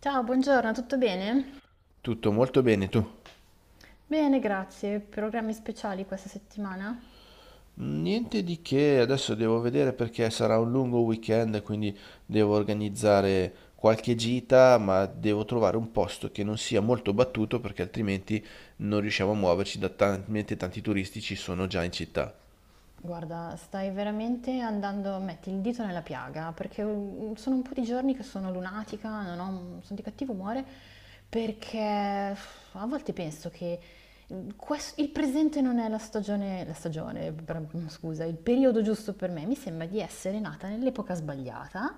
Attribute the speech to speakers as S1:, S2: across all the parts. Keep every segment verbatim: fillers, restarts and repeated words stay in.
S1: Ciao, buongiorno, tutto bene?
S2: Tutto molto bene, tu?
S1: Bene, grazie. Programmi speciali questa settimana?
S2: Niente di che, adesso devo vedere perché sarà un lungo weekend, quindi devo organizzare qualche gita, ma devo trovare un posto che non sia molto battuto perché altrimenti non riusciamo a muoverci da talmente tanti turisti ci sono già in città.
S1: Guarda, stai veramente andando, metti il dito nella piaga, perché mm, sono un po' di giorni che sono lunatica, non ho- mm, sono di cattivo umore, perché uff, a volte penso che mm, quest- il presente non è la stagione, la stagione, bra- scusa, il periodo giusto per me. Mi sembra di essere nata nell'epoca sbagliata.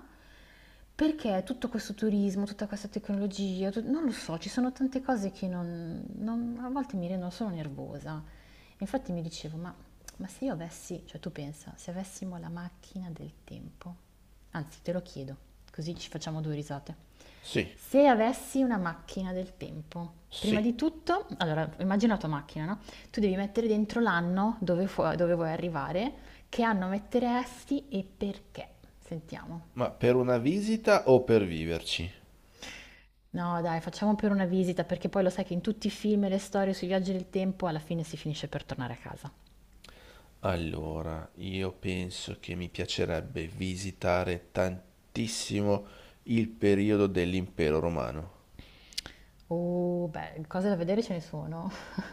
S1: Perché tutto questo turismo, tutta questa tecnologia, tu- non lo so, ci sono tante cose che non, non- a volte mi rendono solo nervosa. Infatti mi dicevo, ma, ma se io avessi, cioè tu pensa, se avessimo la macchina del tempo, anzi te lo chiedo, così ci facciamo due risate.
S2: Sì,
S1: Se avessi una macchina del tempo, prima
S2: sì.
S1: di tutto, allora immagina la tua macchina, no? Tu devi mettere dentro l'anno dove, fu- dove vuoi arrivare, che anno metteresti e perché. Sentiamo.
S2: Ma per una visita o per viverci?
S1: No dai, facciamo pure una visita, perché poi lo sai che in tutti i film e le storie sui viaggi del tempo alla fine si finisce per tornare a casa.
S2: Allora, io penso che mi piacerebbe visitare tantissimo il periodo dell'Impero Romano.
S1: Oh, beh, cose da vedere ce ne sono.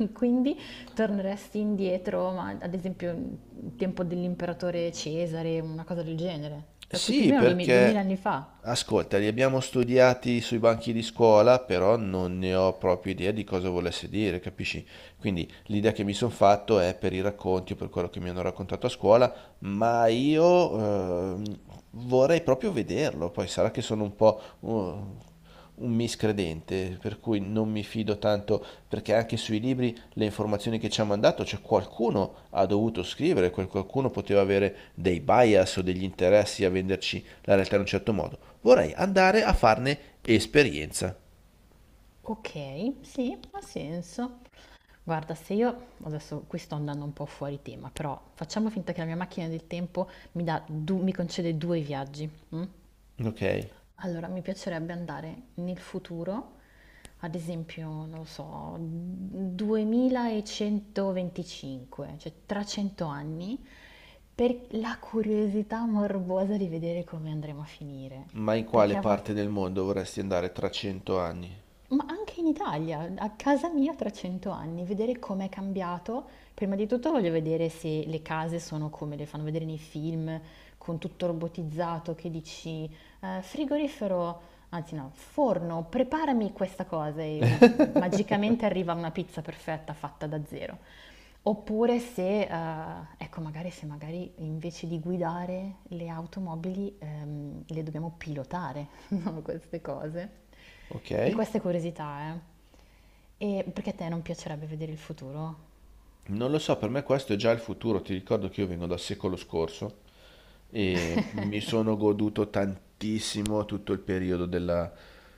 S1: Quindi torneresti indietro, ma ad esempio il tempo dell'imperatore Cesare, una cosa del genere. Cioè, più più o
S2: Sì,
S1: meno duemila 2000
S2: perché
S1: anni fa.
S2: ascolta, li abbiamo studiati sui banchi di scuola, però non ne ho proprio idea di cosa volesse dire, capisci? Quindi l'idea che mi sono fatto è per i racconti o per quello che mi hanno raccontato a scuola, ma io ehm, vorrei proprio vederlo. Poi sarà che sono un po' uh, un miscredente, per cui non mi fido tanto, perché anche sui libri le informazioni che ci ha mandato, cioè qualcuno ha dovuto scrivere, quel qualcuno poteva avere dei bias o degli interessi a venderci la realtà in un certo modo. Vorrei andare a farne esperienza.
S1: Ok, sì, ha senso. Guarda, se io adesso qui sto andando un po' fuori tema, però facciamo finta che la mia macchina del tempo mi dà du- mi concede due viaggi. mm?
S2: Ok,
S1: Allora, mi piacerebbe andare nel futuro, ad esempio, non lo so, duemilacentoventicinque, cioè tra cento anni, per la curiosità morbosa di vedere come andremo a finire.
S2: ma in
S1: Perché
S2: quale
S1: a
S2: parte
S1: volte...
S2: del mondo vorresti andare tra cento anni?
S1: Ma anche in Italia, a casa mia tra cento anni, vedere com'è cambiato. Prima di tutto voglio vedere se le case sono come le fanno vedere nei film, con tutto robotizzato, che dici, eh, frigorifero anzi no, forno, preparami questa cosa e mm, magicamente arriva una pizza perfetta fatta da zero. Oppure se, eh, ecco, magari se magari invece di guidare le automobili ehm, le dobbiamo pilotare, no? Queste cose. E
S2: Ok?
S1: queste curiosità, eh. E perché a te non piacerebbe vedere il futuro?
S2: Non lo so, per me questo è già il futuro, ti ricordo che io vengo dal secolo scorso. E mi sono goduto tantissimo tutto il periodo della,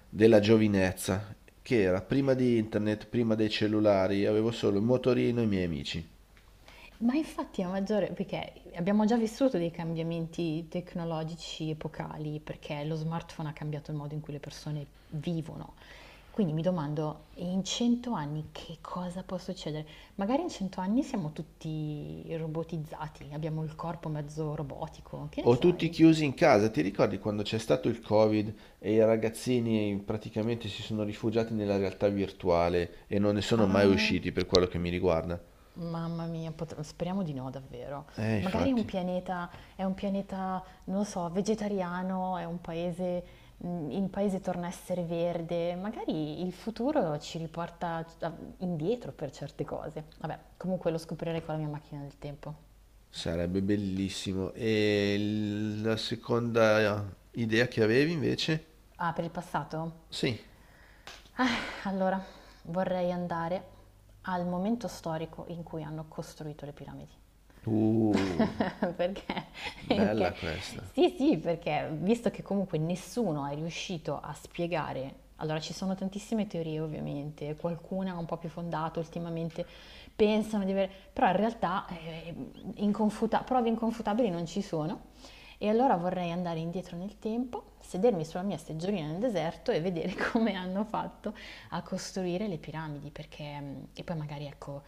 S2: della giovinezza, che era prima di internet, prima dei cellulari, avevo solo il motorino e i miei amici.
S1: Ma infatti a maggiore, perché abbiamo già vissuto dei cambiamenti tecnologici epocali, perché lo smartphone ha cambiato il modo in cui le persone vivono. Quindi mi domando, in cento anni che cosa può succedere? Magari in cento anni siamo tutti robotizzati, abbiamo il corpo mezzo robotico, che ne
S2: O tutti
S1: sai?
S2: chiusi in casa, ti ricordi quando c'è stato il Covid e i ragazzini praticamente si sono rifugiati nella realtà virtuale e non ne sono mai
S1: Ah.
S2: usciti per quello che mi riguarda?
S1: Mamma mia, pot- speriamo di no, davvero.
S2: Eh,
S1: Magari è un
S2: infatti,
S1: pianeta, è un pianeta, non lo so, vegetariano, è un paese, mh, il paese torna a essere verde. Magari il futuro ci riporta a- indietro per certe cose. Vabbè, comunque lo scoprirei con la mia macchina del tempo.
S2: sarebbe bellissimo. E la seconda idea che avevi invece?
S1: Ah, per il passato?
S2: Sì.
S1: Ah, allora, vorrei andare al momento storico in cui hanno costruito le piramidi.
S2: Uh,
S1: Perché? Perché
S2: Bella questa.
S1: sì, sì, perché visto che comunque nessuno è riuscito a spiegare, allora ci sono tantissime teorie ovviamente, qualcuna un po' più fondata ultimamente, pensano di avere, però in realtà eh, inconfuta- prove inconfutabili non ci sono e allora vorrei andare indietro nel tempo, sedermi sulla mia seggiolina nel deserto e vedere come hanno fatto a costruire le piramidi, perché mm, e poi magari ecco,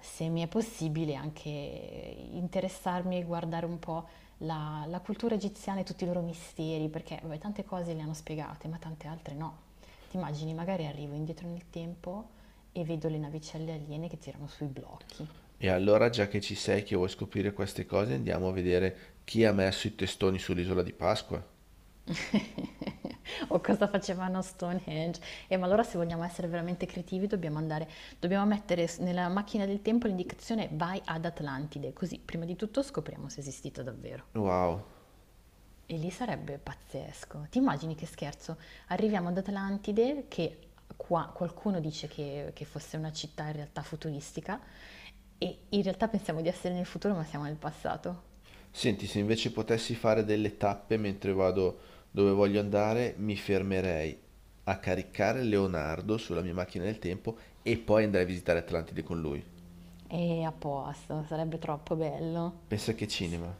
S1: se mi è possibile anche interessarmi e guardare un po' la, la cultura egiziana e tutti i loro misteri, perché vabbè, tante cose le hanno spiegate, ma tante altre no. Ti immagini, magari arrivo indietro nel tempo e vedo le navicelle aliene che tirano sui blocchi.
S2: E allora, già che ci sei, che vuoi scoprire queste cose, andiamo a vedere chi ha messo i testoni sull'isola di Pasqua.
S1: O cosa facevano a Stonehenge. Eh, ma allora se vogliamo essere veramente creativi dobbiamo andare, dobbiamo mettere s- nella macchina del tempo l'indicazione vai ad Atlantide, così prima di tutto scopriamo se è esistito davvero.
S2: Wow.
S1: E lì sarebbe pazzesco. Ti immagini che scherzo? Arriviamo ad Atlantide, che qua qualcuno dice che, che fosse una città in realtà futuristica, e in realtà pensiamo di essere nel futuro ma siamo nel passato.
S2: Senti, se invece potessi fare delle tappe mentre vado dove voglio andare, mi fermerei a caricare Leonardo sulla mia macchina del tempo e poi andrei a visitare Atlantide con lui.
S1: E a posto, sarebbe troppo bello.
S2: Pensa che cinema.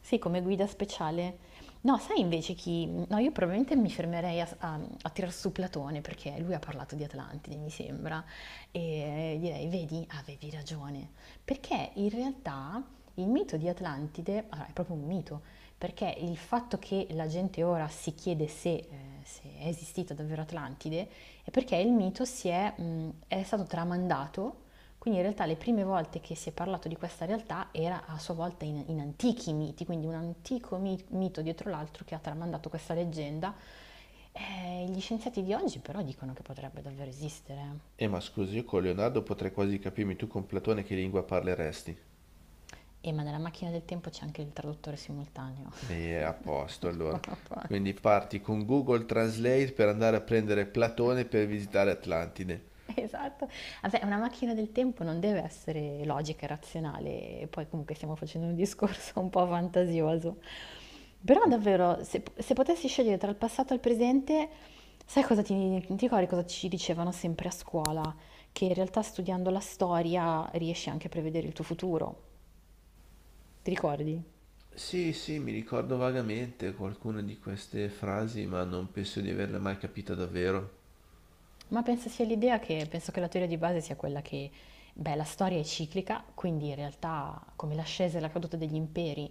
S1: Sì, come guida speciale. No, sai invece chi... No, io probabilmente mi fermerei a, a, a tirar su Platone perché lui ha parlato di Atlantide, mi sembra, e direi, vedi, avevi ragione, perché in realtà il mito di Atlantide, allora, è proprio un mito, perché il fatto che la gente ora si chiede se, eh, se è esistita davvero Atlantide è perché il mito si è, mh, è stato tramandato, quindi in realtà le prime volte che si è parlato di questa realtà era a sua volta in, in antichi miti, quindi un antico mi- mito dietro l'altro che ha tramandato questa leggenda. Eh, gli scienziati di oggi però dicono che potrebbe davvero esistere.
S2: Eh, ma scusi, io con Leonardo potrei quasi capirmi, tu con Platone che lingua parleresti?
S1: E ma nella macchina del tempo c'è anche il traduttore simultaneo.
S2: E a posto, allora.
S1: Buona pace.
S2: Quindi parti con Google Translate per andare a prendere Platone per visitare Atlantide.
S1: Esatto. Vabbè, una macchina del tempo non deve essere logica e razionale, e poi comunque stiamo facendo un discorso un po' fantasioso. Però davvero, se, se potessi scegliere tra il passato e il presente, sai cosa ti, ti ricordi cosa ci dicevano sempre a scuola? Che in realtà studiando la storia riesci anche a prevedere il tuo futuro. Ti ricordi?
S2: Sì, sì, mi ricordo vagamente qualcuna di queste frasi, ma non penso di averle mai capita davvero.
S1: Ma penso sia l'idea che, penso che la teoria di base sia quella che, beh, la storia è ciclica, quindi in realtà come l'ascesa e la caduta degli imperi,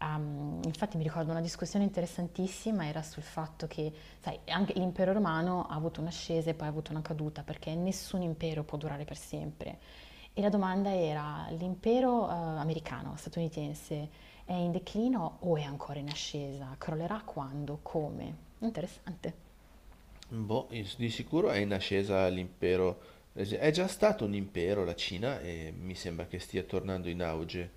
S1: ehm, infatti mi ricordo una discussione interessantissima, era sul fatto che, sai, anche l'impero romano ha avuto un'ascesa e poi ha avuto una caduta, perché nessun impero può durare per sempre. E la domanda era, l'impero eh, americano, statunitense, è in declino o è ancora in ascesa? Crollerà quando? Come? Interessante.
S2: Boh, is- di sicuro è in ascesa l'impero. È già stato un impero la Cina e mi sembra che stia tornando in auge.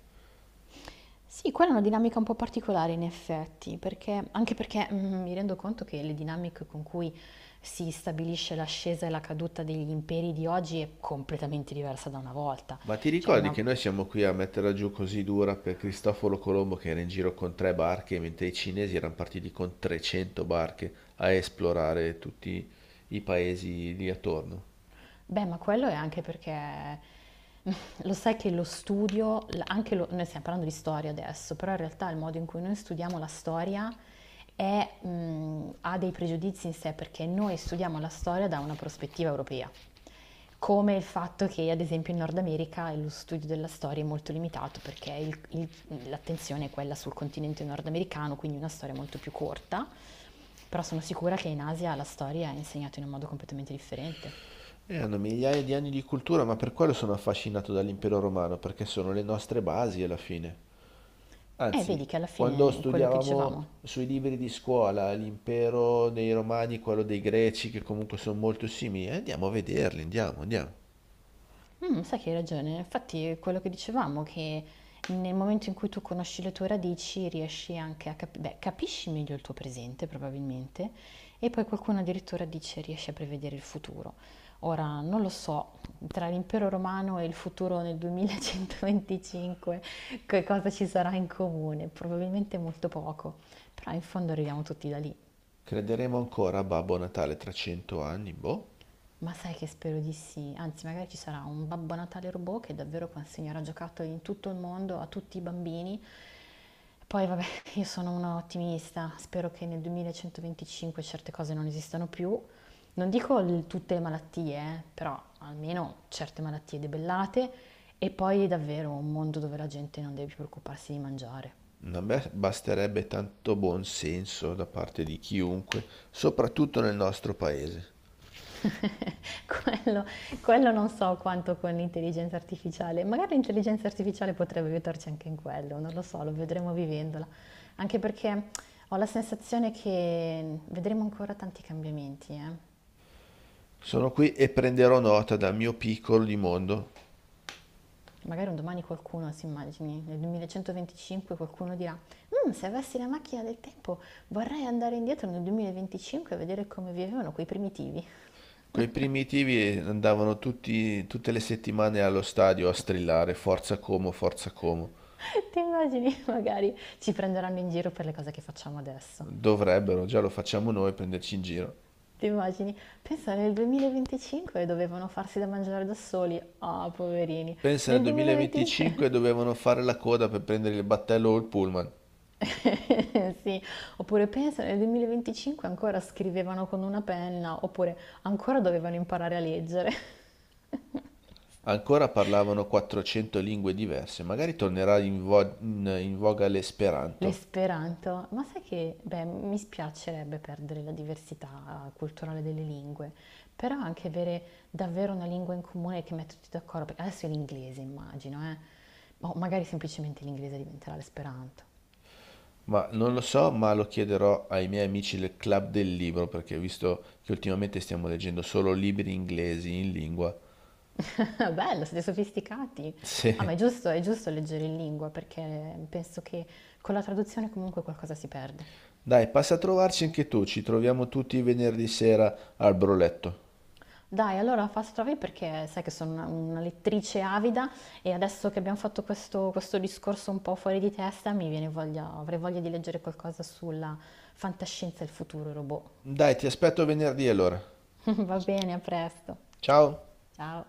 S1: Sì, quella è una dinamica un po' particolare in effetti, perché, anche perché mm, mi rendo conto che le dinamiche con cui si stabilisce l'ascesa e la caduta degli imperi di oggi è completamente diversa da una volta.
S2: Ma ti
S1: Cioè,
S2: ricordi
S1: una-
S2: che noi siamo qui a metterla giù così dura per Cristoforo Colombo che era in giro con tre barche, mentre i cinesi erano partiti con trecento barche a esplorare tutti i paesi lì attorno?
S1: Beh, ma quello è anche perché lo sai che lo studio, l- anche lo- noi stiamo parlando di storia adesso, però in realtà il modo in cui noi studiamo la storia è, mh, ha dei pregiudizi in sé perché noi studiamo la storia da una prospettiva europea, come il fatto che ad esempio in Nord America lo studio della storia è molto limitato perché il- il- l'attenzione è quella sul continente nordamericano, quindi una storia molto più corta, però sono sicura che in Asia la storia è insegnata in un modo completamente differente.
S2: E hanno migliaia di anni di cultura, ma per quello sono affascinato dall'impero romano, perché sono le nostre basi alla fine.
S1: Eh,
S2: Anzi,
S1: vedi che alla
S2: quando
S1: fine è quello che
S2: studiavamo
S1: dicevamo.
S2: sui libri di scuola l'impero dei Romani, quello dei Greci, che comunque sono molto simili, eh, andiamo a vederli, andiamo, andiamo.
S1: Mm, sai che hai ragione, infatti è quello che dicevamo, che nel momento in cui tu conosci le tue radici riesci anche a capire, beh, capisci meglio il tuo presente probabilmente, e poi qualcuno addirittura dice riesci a prevedere il futuro. Ora, non lo so, tra l'impero romano e il futuro nel duemilacentoventicinque, che cosa ci sarà in comune? Probabilmente molto poco, però in fondo arriviamo tutti da lì.
S2: Crederemo ancora a Babbo Natale tra cento anni? Boh.
S1: Ma sai che spero di sì, anzi magari ci sarà un Babbo Natale robot che davvero consegnerà giocattoli in tutto il mondo a tutti i bambini. Poi vabbè, io sono una ottimista, spero che nel duemilacentoventicinque certe cose non esistano più. Non dico il- tutte le malattie, eh, però almeno certe malattie debellate e poi davvero un mondo dove la gente non deve più preoccuparsi di mangiare.
S2: A me basterebbe tanto buon senso da parte di chiunque, soprattutto nel nostro paese.
S1: Quello quello non so quanto con l'intelligenza artificiale, magari l'intelligenza artificiale potrebbe aiutarci anche in quello, non lo so, lo vedremo vivendola, anche perché ho la sensazione che vedremo ancora tanti cambiamenti, eh.
S2: Sono qui e prenderò nota dal mio piccolo di mondo.
S1: Magari un domani qualcuno, si immagini, nel duemilacentoventicinque qualcuno dirà, "Mh, se avessi la macchina del tempo vorrei andare indietro nel duemilaventicinque e vedere come vivevano quei primitivi."
S2: Quei primitivi andavano tutti, tutte le settimane allo stadio a strillare Forza Como, Forza Como.
S1: Ti immagini? Magari ci prenderanno in giro per le cose che facciamo adesso.
S2: Dovrebbero, già lo facciamo noi, prenderci in giro.
S1: Ti immagini? Pensa nel duemilaventicinque dovevano farsi da mangiare da soli. Ah, poverini.
S2: Pensa nel
S1: Nel duemilaventicinque
S2: duemilaventicinque dovevano fare la coda per prendere il battello o il pullman.
S1: sì. Oppure pensa nel duemilaventicinque ancora scrivevano con una penna, oppure ancora dovevano imparare a leggere.
S2: Ancora parlavano quattrocento lingue diverse, magari tornerà in, vo- in- in voga l'esperanto,
S1: L'esperanto, ma sai che, beh, mi spiacerebbe perdere la diversità culturale delle lingue, però anche avere davvero una lingua in comune che mette tutti d'accordo, perché adesso è l'inglese, immagino, eh. O magari semplicemente l'inglese diventerà l'esperanto.
S2: ma non lo so, ma lo chiederò ai miei amici del club del libro, perché visto che ultimamente stiamo leggendo solo libri inglesi in lingua.
S1: Ah, bello, siete sofisticati. Ah,
S2: Sì.
S1: ma è giusto, è giusto leggere in lingua perché penso che con la traduzione comunque qualcosa si perde.
S2: Dai, passa a trovarci anche tu, ci troviamo tutti venerdì sera al broletto.
S1: Dai, allora Fast Travel perché sai che sono una, una lettrice avida e adesso che abbiamo fatto questo, questo discorso un po' fuori di testa mi viene voglia, avrei voglia di leggere qualcosa sulla fantascienza e il futuro robot.
S2: Dai, ti aspetto venerdì allora.
S1: Va bene, a presto.
S2: Ciao.
S1: Ciao.